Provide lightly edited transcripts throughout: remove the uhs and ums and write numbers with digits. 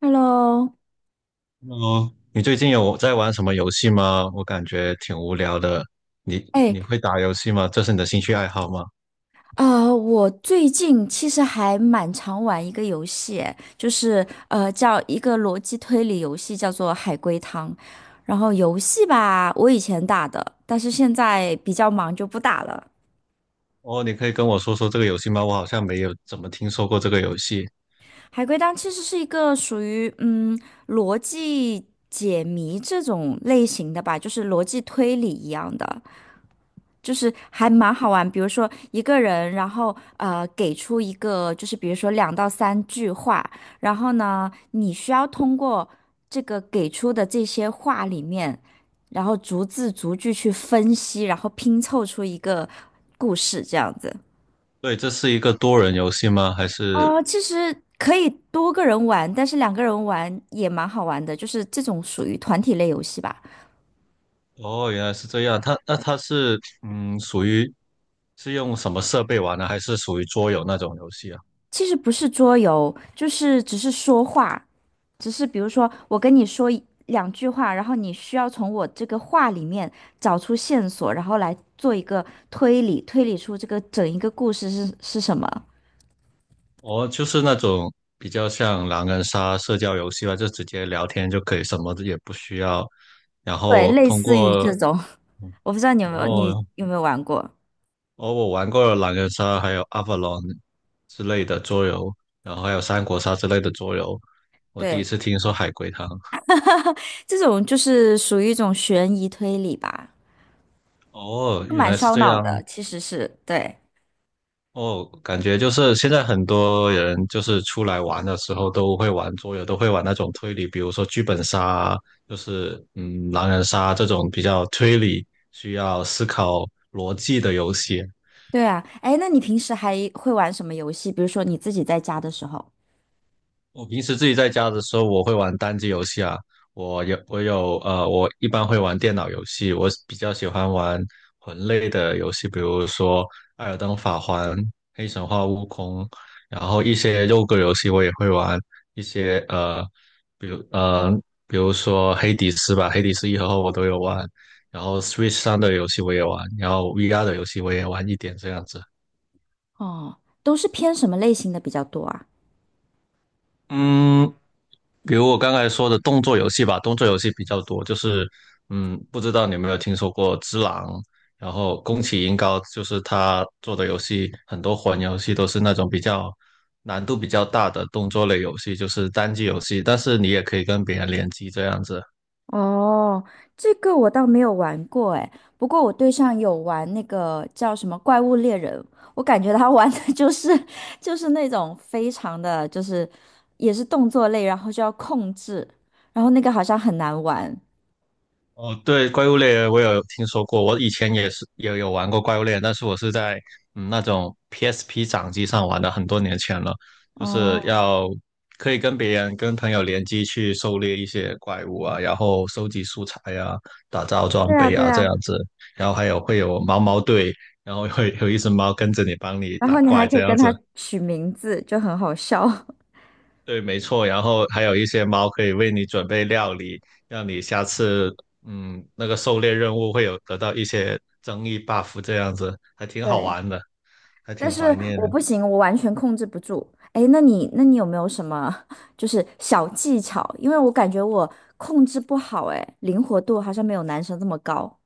Hello，哦，你最近有在玩什么游戏吗？我感觉挺无聊的。你哎，你会打游戏吗？这是你的兴趣爱好吗？我最近其实还蛮常玩一个游戏，就是叫一个逻辑推理游戏，叫做海龟汤。然后游戏吧，我以前打的，但是现在比较忙就不打了。哦，你可以跟我说说这个游戏吗？我好像没有怎么听说过这个游戏。海龟汤其实是一个属于逻辑解谜这种类型的吧，就是逻辑推理一样的。就是还蛮好玩，比如说一个人，然后给出一个，就是比如说两到三句话，然后呢，你需要通过这个给出的这些话里面，然后逐字逐句去分析，然后拼凑出一个故事这样子。对，这是一个多人游戏吗？还是？哦，其实可以多个人玩，但是两个人玩也蛮好玩的，就是这种属于团体类游戏吧。哦，原来是这样。它那它是属于是用什么设备玩的？还是属于桌游那种游戏啊？其实不是桌游，就是只是说话，只是比如说我跟你说一两句话，然后你需要从我这个话里面找出线索，然后来做一个推理，推理出这个整一个故事是什么。哦，就是那种比较像狼人杀社交游戏吧，就直接聊天就可以，什么也不需要。然对，后类通似于过这种，我不知道你有没有你哦，有没有玩过？哦，我玩过了狼人杀，还有 Avalon 之类的桌游，然后还有三国杀之类的桌游。我第一对，次听说海龟汤，这种就是属于一种悬疑推理吧，哦，就原蛮来是烧这脑样。的，其实是对。哦，感觉就是现在很多人就是出来玩的时候都会玩桌游，都会玩那种推理，比如说剧本杀啊，就是狼人杀这种比较推理、需要思考逻辑的游戏。对啊，哎，那你平时还会玩什么游戏？比如说你自己在家的时候，我平时自己在家的时候，我会玩单机游戏啊。我一般会玩电脑游戏，我比较喜欢玩魂类的游戏，比如说《艾尔登法环》《黑神话：悟空》，然后一些肉鸽游戏我也会玩，一些呃，比如呃，比如说《黑迪斯》吧，《黑迪斯一》和二我都有玩，然后 Switch 上的游戏我也玩，然后 VR 的游戏我也玩一点这样子。哦，都是偏什么类型的比较多啊？嗯，比如我刚才说的动作游戏吧，动作游戏比较多，就是不知道你有没有听说过《只狼》，然后宫崎英高，就是他做的游戏，很多魂游戏都是那种比较难度比较大的动作类游戏，就是单机游戏，但是你也可以跟别人联机这样子。哦，这个我倒没有玩过哎，不过我对象有玩那个叫什么《怪物猎人》，我感觉他玩的 就是那种非常的就是也是动作类，然后就要控制，然后那个好像很难玩。哦，对，怪物猎人我有听说过，我以前也有玩过怪物猎人，但是我是在那种 PSP 掌机上玩的，很多年前了，就是哦，要可以跟别人跟朋友联机去狩猎一些怪物啊，然后收集素材啊，打造装对啊备对啊这啊，样子，然后还有会有毛毛队，然后会有一只猫跟着你帮你然打后你还怪可这以跟样子。他取名字，就很好笑。对，没错。然后还有一些猫可以为你准备料理，让你下次那个狩猎任务会有得到一些增益 buff，这样子还挺好对。玩的，还但挺是怀念我的。不行，我完全控制不住。哎，那你有没有什么 就是小技巧？因为我感觉我控制不好，哎，灵活度好像没有男生这么高，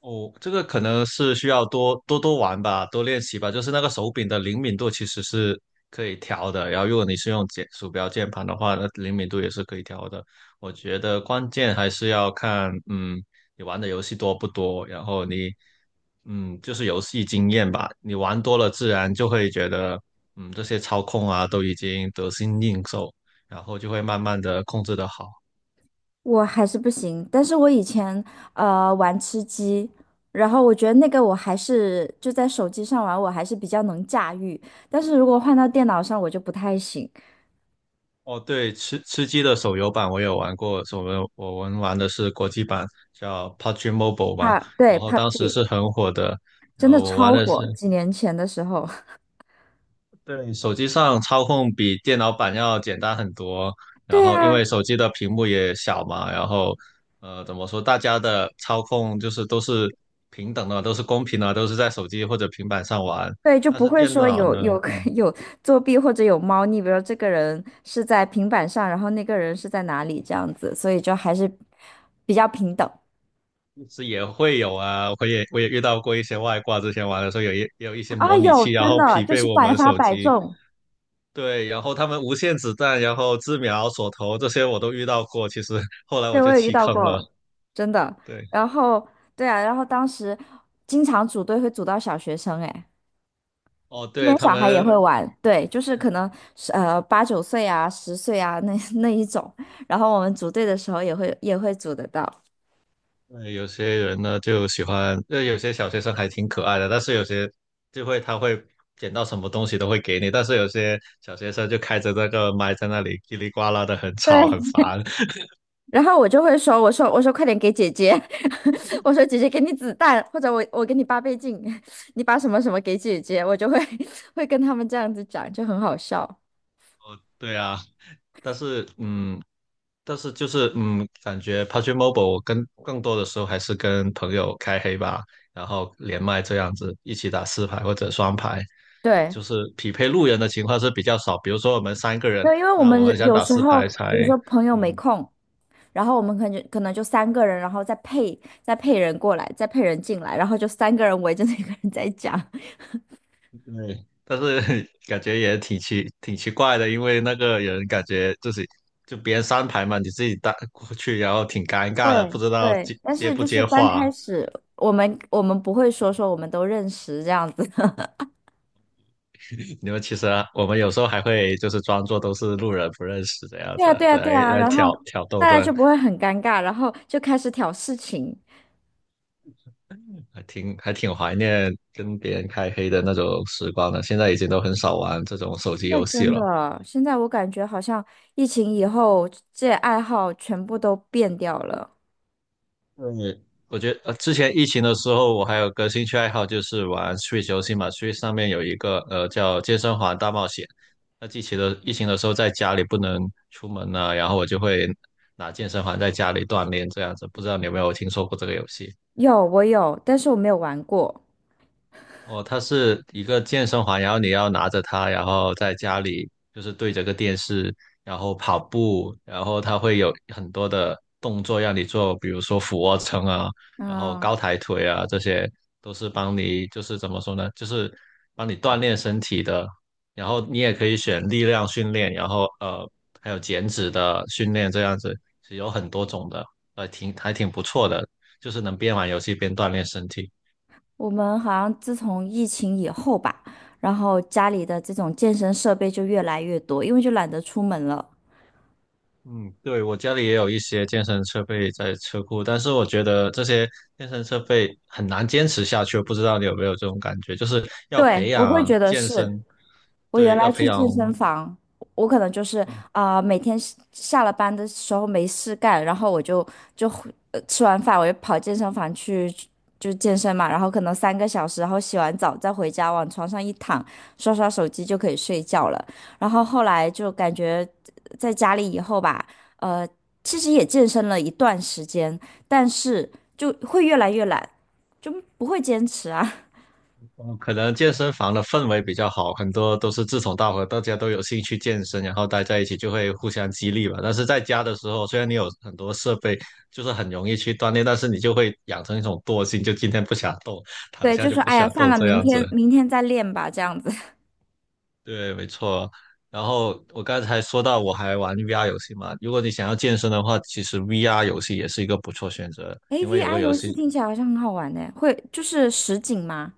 哦，这个可能是需要多多玩吧，多练习吧。就是那个手柄的灵敏度其实是可以调的，然后如果你是用键鼠标键盘的话，那灵敏度也是可以调的。我觉得关键还是要看，你玩的游戏多不多，然后你，就是游戏经验吧。你玩多了，自然就会觉得，这些操控啊都已经得心应手，然后就会慢慢的控制的好。我还是不行。但是我以前玩吃鸡，然后我觉得那个我还是就在手机上玩，我还是比较能驾驭。但是如果换到电脑上，我就不太行。哦，对，吃鸡的手游版我有玩过，我们玩的是国际版，叫 PUBG Mobile 吧，啊，对然后当时，PUBG 是很火的，然真的后我玩超的火，是，几年前的时候。对，手机上操控比电脑版要简单很多，然对后因啊，为手机的屏幕也小嘛，然后怎么说，大家的操控就是都是平等的，都是公平的，都是在手机或者平板上玩，对，就但不是会电说脑有呢？有 嗯 有作弊或者有猫腻，比如说这个人是在平板上，然后那个人是在哪里这样子，所以就还是比较平等。是也会有啊，我也遇到过一些外挂，之前玩的时候有一些啊，模拟有，器，然真后的匹就配是我百们发手百机，中，对，然后他们无限子弹，然后自瞄、锁头这些我都遇到过，其实后来我对，我就也遇弃到坑了。过，真的。对，然后对啊，然后当时经常组队会组到小学生，哎，哦，这对边他小孩也们，会玩，对，就是可能是8、9岁啊、10岁啊那一种，然后我们组队的时候也会组得到。有些人呢就喜欢，有些小学生还挺可爱的，但是有些就会他会捡到什么东西都会给你，但是有些小学生就开着那个麦在那里叽里呱啦的很吵对，很烦，然后我就会说，我说快点给姐姐，我说姐姐给你子弹，或者我给你8倍镜，你把什么什么给姐姐，我就会 会跟他们这样子讲，就很好笑。对啊。但是，嗯，但是就是感觉 PUBG Mobile 我跟更多的时候还是跟朋友开黑吧，然后连麦这样子一起打四排或者双排，对，就是匹配路人的情况是比较少。比如说我们三个人，对，因为我那们我人们哦想有打时四候，排才比如说朋友没嗯空，然后我们可能就三个人，然后再配人过来，再配人进来，然后就三个人围着那个人在讲。对，但是 感觉也挺奇怪的，因为那个人感觉自己就别人三排嘛，你自己打过去，然后挺尴尬的，不对知道对，接但接是不就是接刚话。开始我们不会说我们都认识这样子。因为其实啊我们有时候还会就是装作都是路人不认识这样对子，啊，对啊，对来啊，来然后挑逗大这，家就不会很尴尬，然后就开始挑事情。还挺怀念跟别人开黑的那种时光的。现在已经都很少玩这种手机那游戏真了。的，现在我感觉好像疫情以后，这爱好全部都变掉了。对，我觉得之前疫情的时候，我还有个兴趣爱好就是玩 Switch 游戏嘛。Switch 上面有一个叫《健身环大冒险》。那疫情的时候，在家里不能出门呢、然后我就会拿健身环在家里锻炼这样子。不知道你有没有听说过这个游戏？有，我有，但是我没有玩过。哦，它是一个健身环，然后你要拿着它，然后在家里就是对着个电视，然后跑步，然后它会有很多的动作让你做，比如说俯卧撑啊，然后嗯，高抬腿啊，这些都是帮你就是怎么说呢，就是帮你锻炼身体的。然后你也可以选力量训练，然后还有减脂的训练这样子，是有很多种的，还挺不错的，就是能边玩游戏边锻炼身体。我们好像自从疫情以后吧，然后家里的这种健身设备就越来越多，因为就懒得出门了。嗯，对，我家里也有一些健身设备在车库，但是我觉得这些健身设备很难坚持下去，不知道你有没有这种感觉，就是要对，培我养会觉得健是。身，我原对，要来培去养，健身房，我可能就是嗯，啊、每天是下了班的时候没事干，然后我就回吃完饭我就跑健身房去就健身嘛，然后可能3个小时，然后洗完澡再回家往床上一躺，刷刷手机就可以睡觉了。然后后来就感觉在家里以后吧，呃，其实也健身了一段时间，但是就会越来越懒，就不会坚持啊。嗯可能健身房的氛围比较好，很多都是志同道合，大家都有兴趣健身，然后待在一起就会互相激励吧。但是在家的时候，虽然你有很多设备，就是很容易去锻炼，但是你就会养成一种惰性，就今天不想动，躺对，下就就说不哎呀，想算动了，这明样子。天明天再练吧，这样子。对，没错。然后我刚才说到我还玩 VR 游戏嘛，如果你想要健身的话，其实 VR 游戏也是一个不错选择，诶 因为 v 有 r 个游游戏戏听起来好像很好玩呢，会就是实景吗？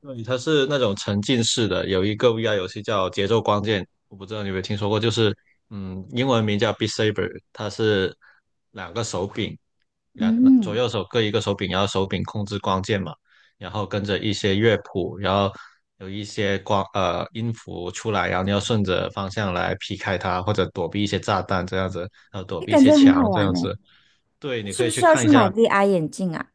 对，它是那种沉浸式的，有一个 VR 游戏叫《节奏光剑》，我不知道你有没有听说过，就是英文名叫 Beat Saber，它是两个手柄，两左嗯，右手各一个手柄，然后手柄控制光剑嘛，然后跟着一些乐谱，然后有一些音符出来，然后你要顺着方向来劈开它，或者躲避一些炸弹这样子，然后躲诶，避一感些觉很好墙这玩样呢，子。对，你是可以不去是要看一去买 下。 VR 眼镜啊？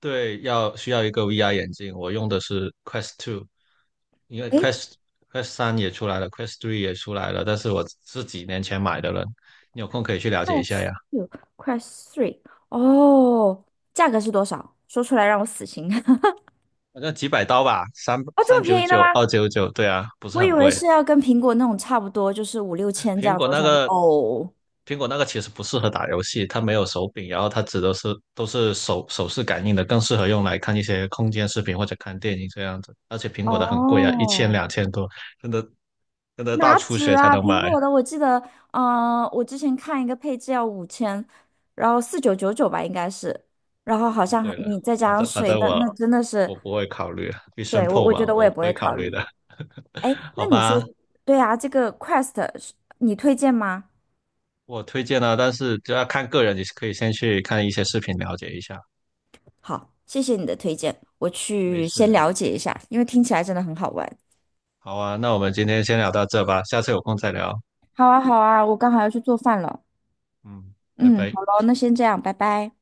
对，要需要一个 VR 眼镜，我用的是 Quest Two，因为 诶 Quest 三也出来了，Quest Three 也出来了，但是我是几年前买的了，你有空可以去了解一下 Quest 呀，3，哦，价格是多少？说出来让我死心。反正几百刀吧，三哦，这三么九便宜的九、吗？299，对啊，不是我以很为是贵。要跟苹果那种差不多，就是五六千这苹样子。果我那想说，个哦，苹果那个其实不适合打游戏，它没有手柄，然后它指的是都是手势感应的，更适合用来看一些空间视频或者看电影这样子。而且苹果的很贵啊，一千哦，两千多，真的真的大哪出止血才啊？能苹买。果的我记得，嗯、我之前看一个配置要5000，然后4999吧，应该是，然后好太像还贵了，你再加反上正反税，正那那我真的是，我不会考虑啊必胜对，我客我觉嘛，得我也我不不会会考考虑虑。的，哎，那好你说，吧？对啊，这个 Quest 是你推荐吗？我推荐了，但是就要看个人，你可以先去看一些视频了解一下。好，谢谢你的推荐，我没去先事，了解一下，因为听起来真的很好玩。好啊，那我们今天先聊到这吧，下次有空再聊。好啊，好啊，我刚好要去做饭了。嗯，拜嗯，拜。好咯，那先这样，拜拜。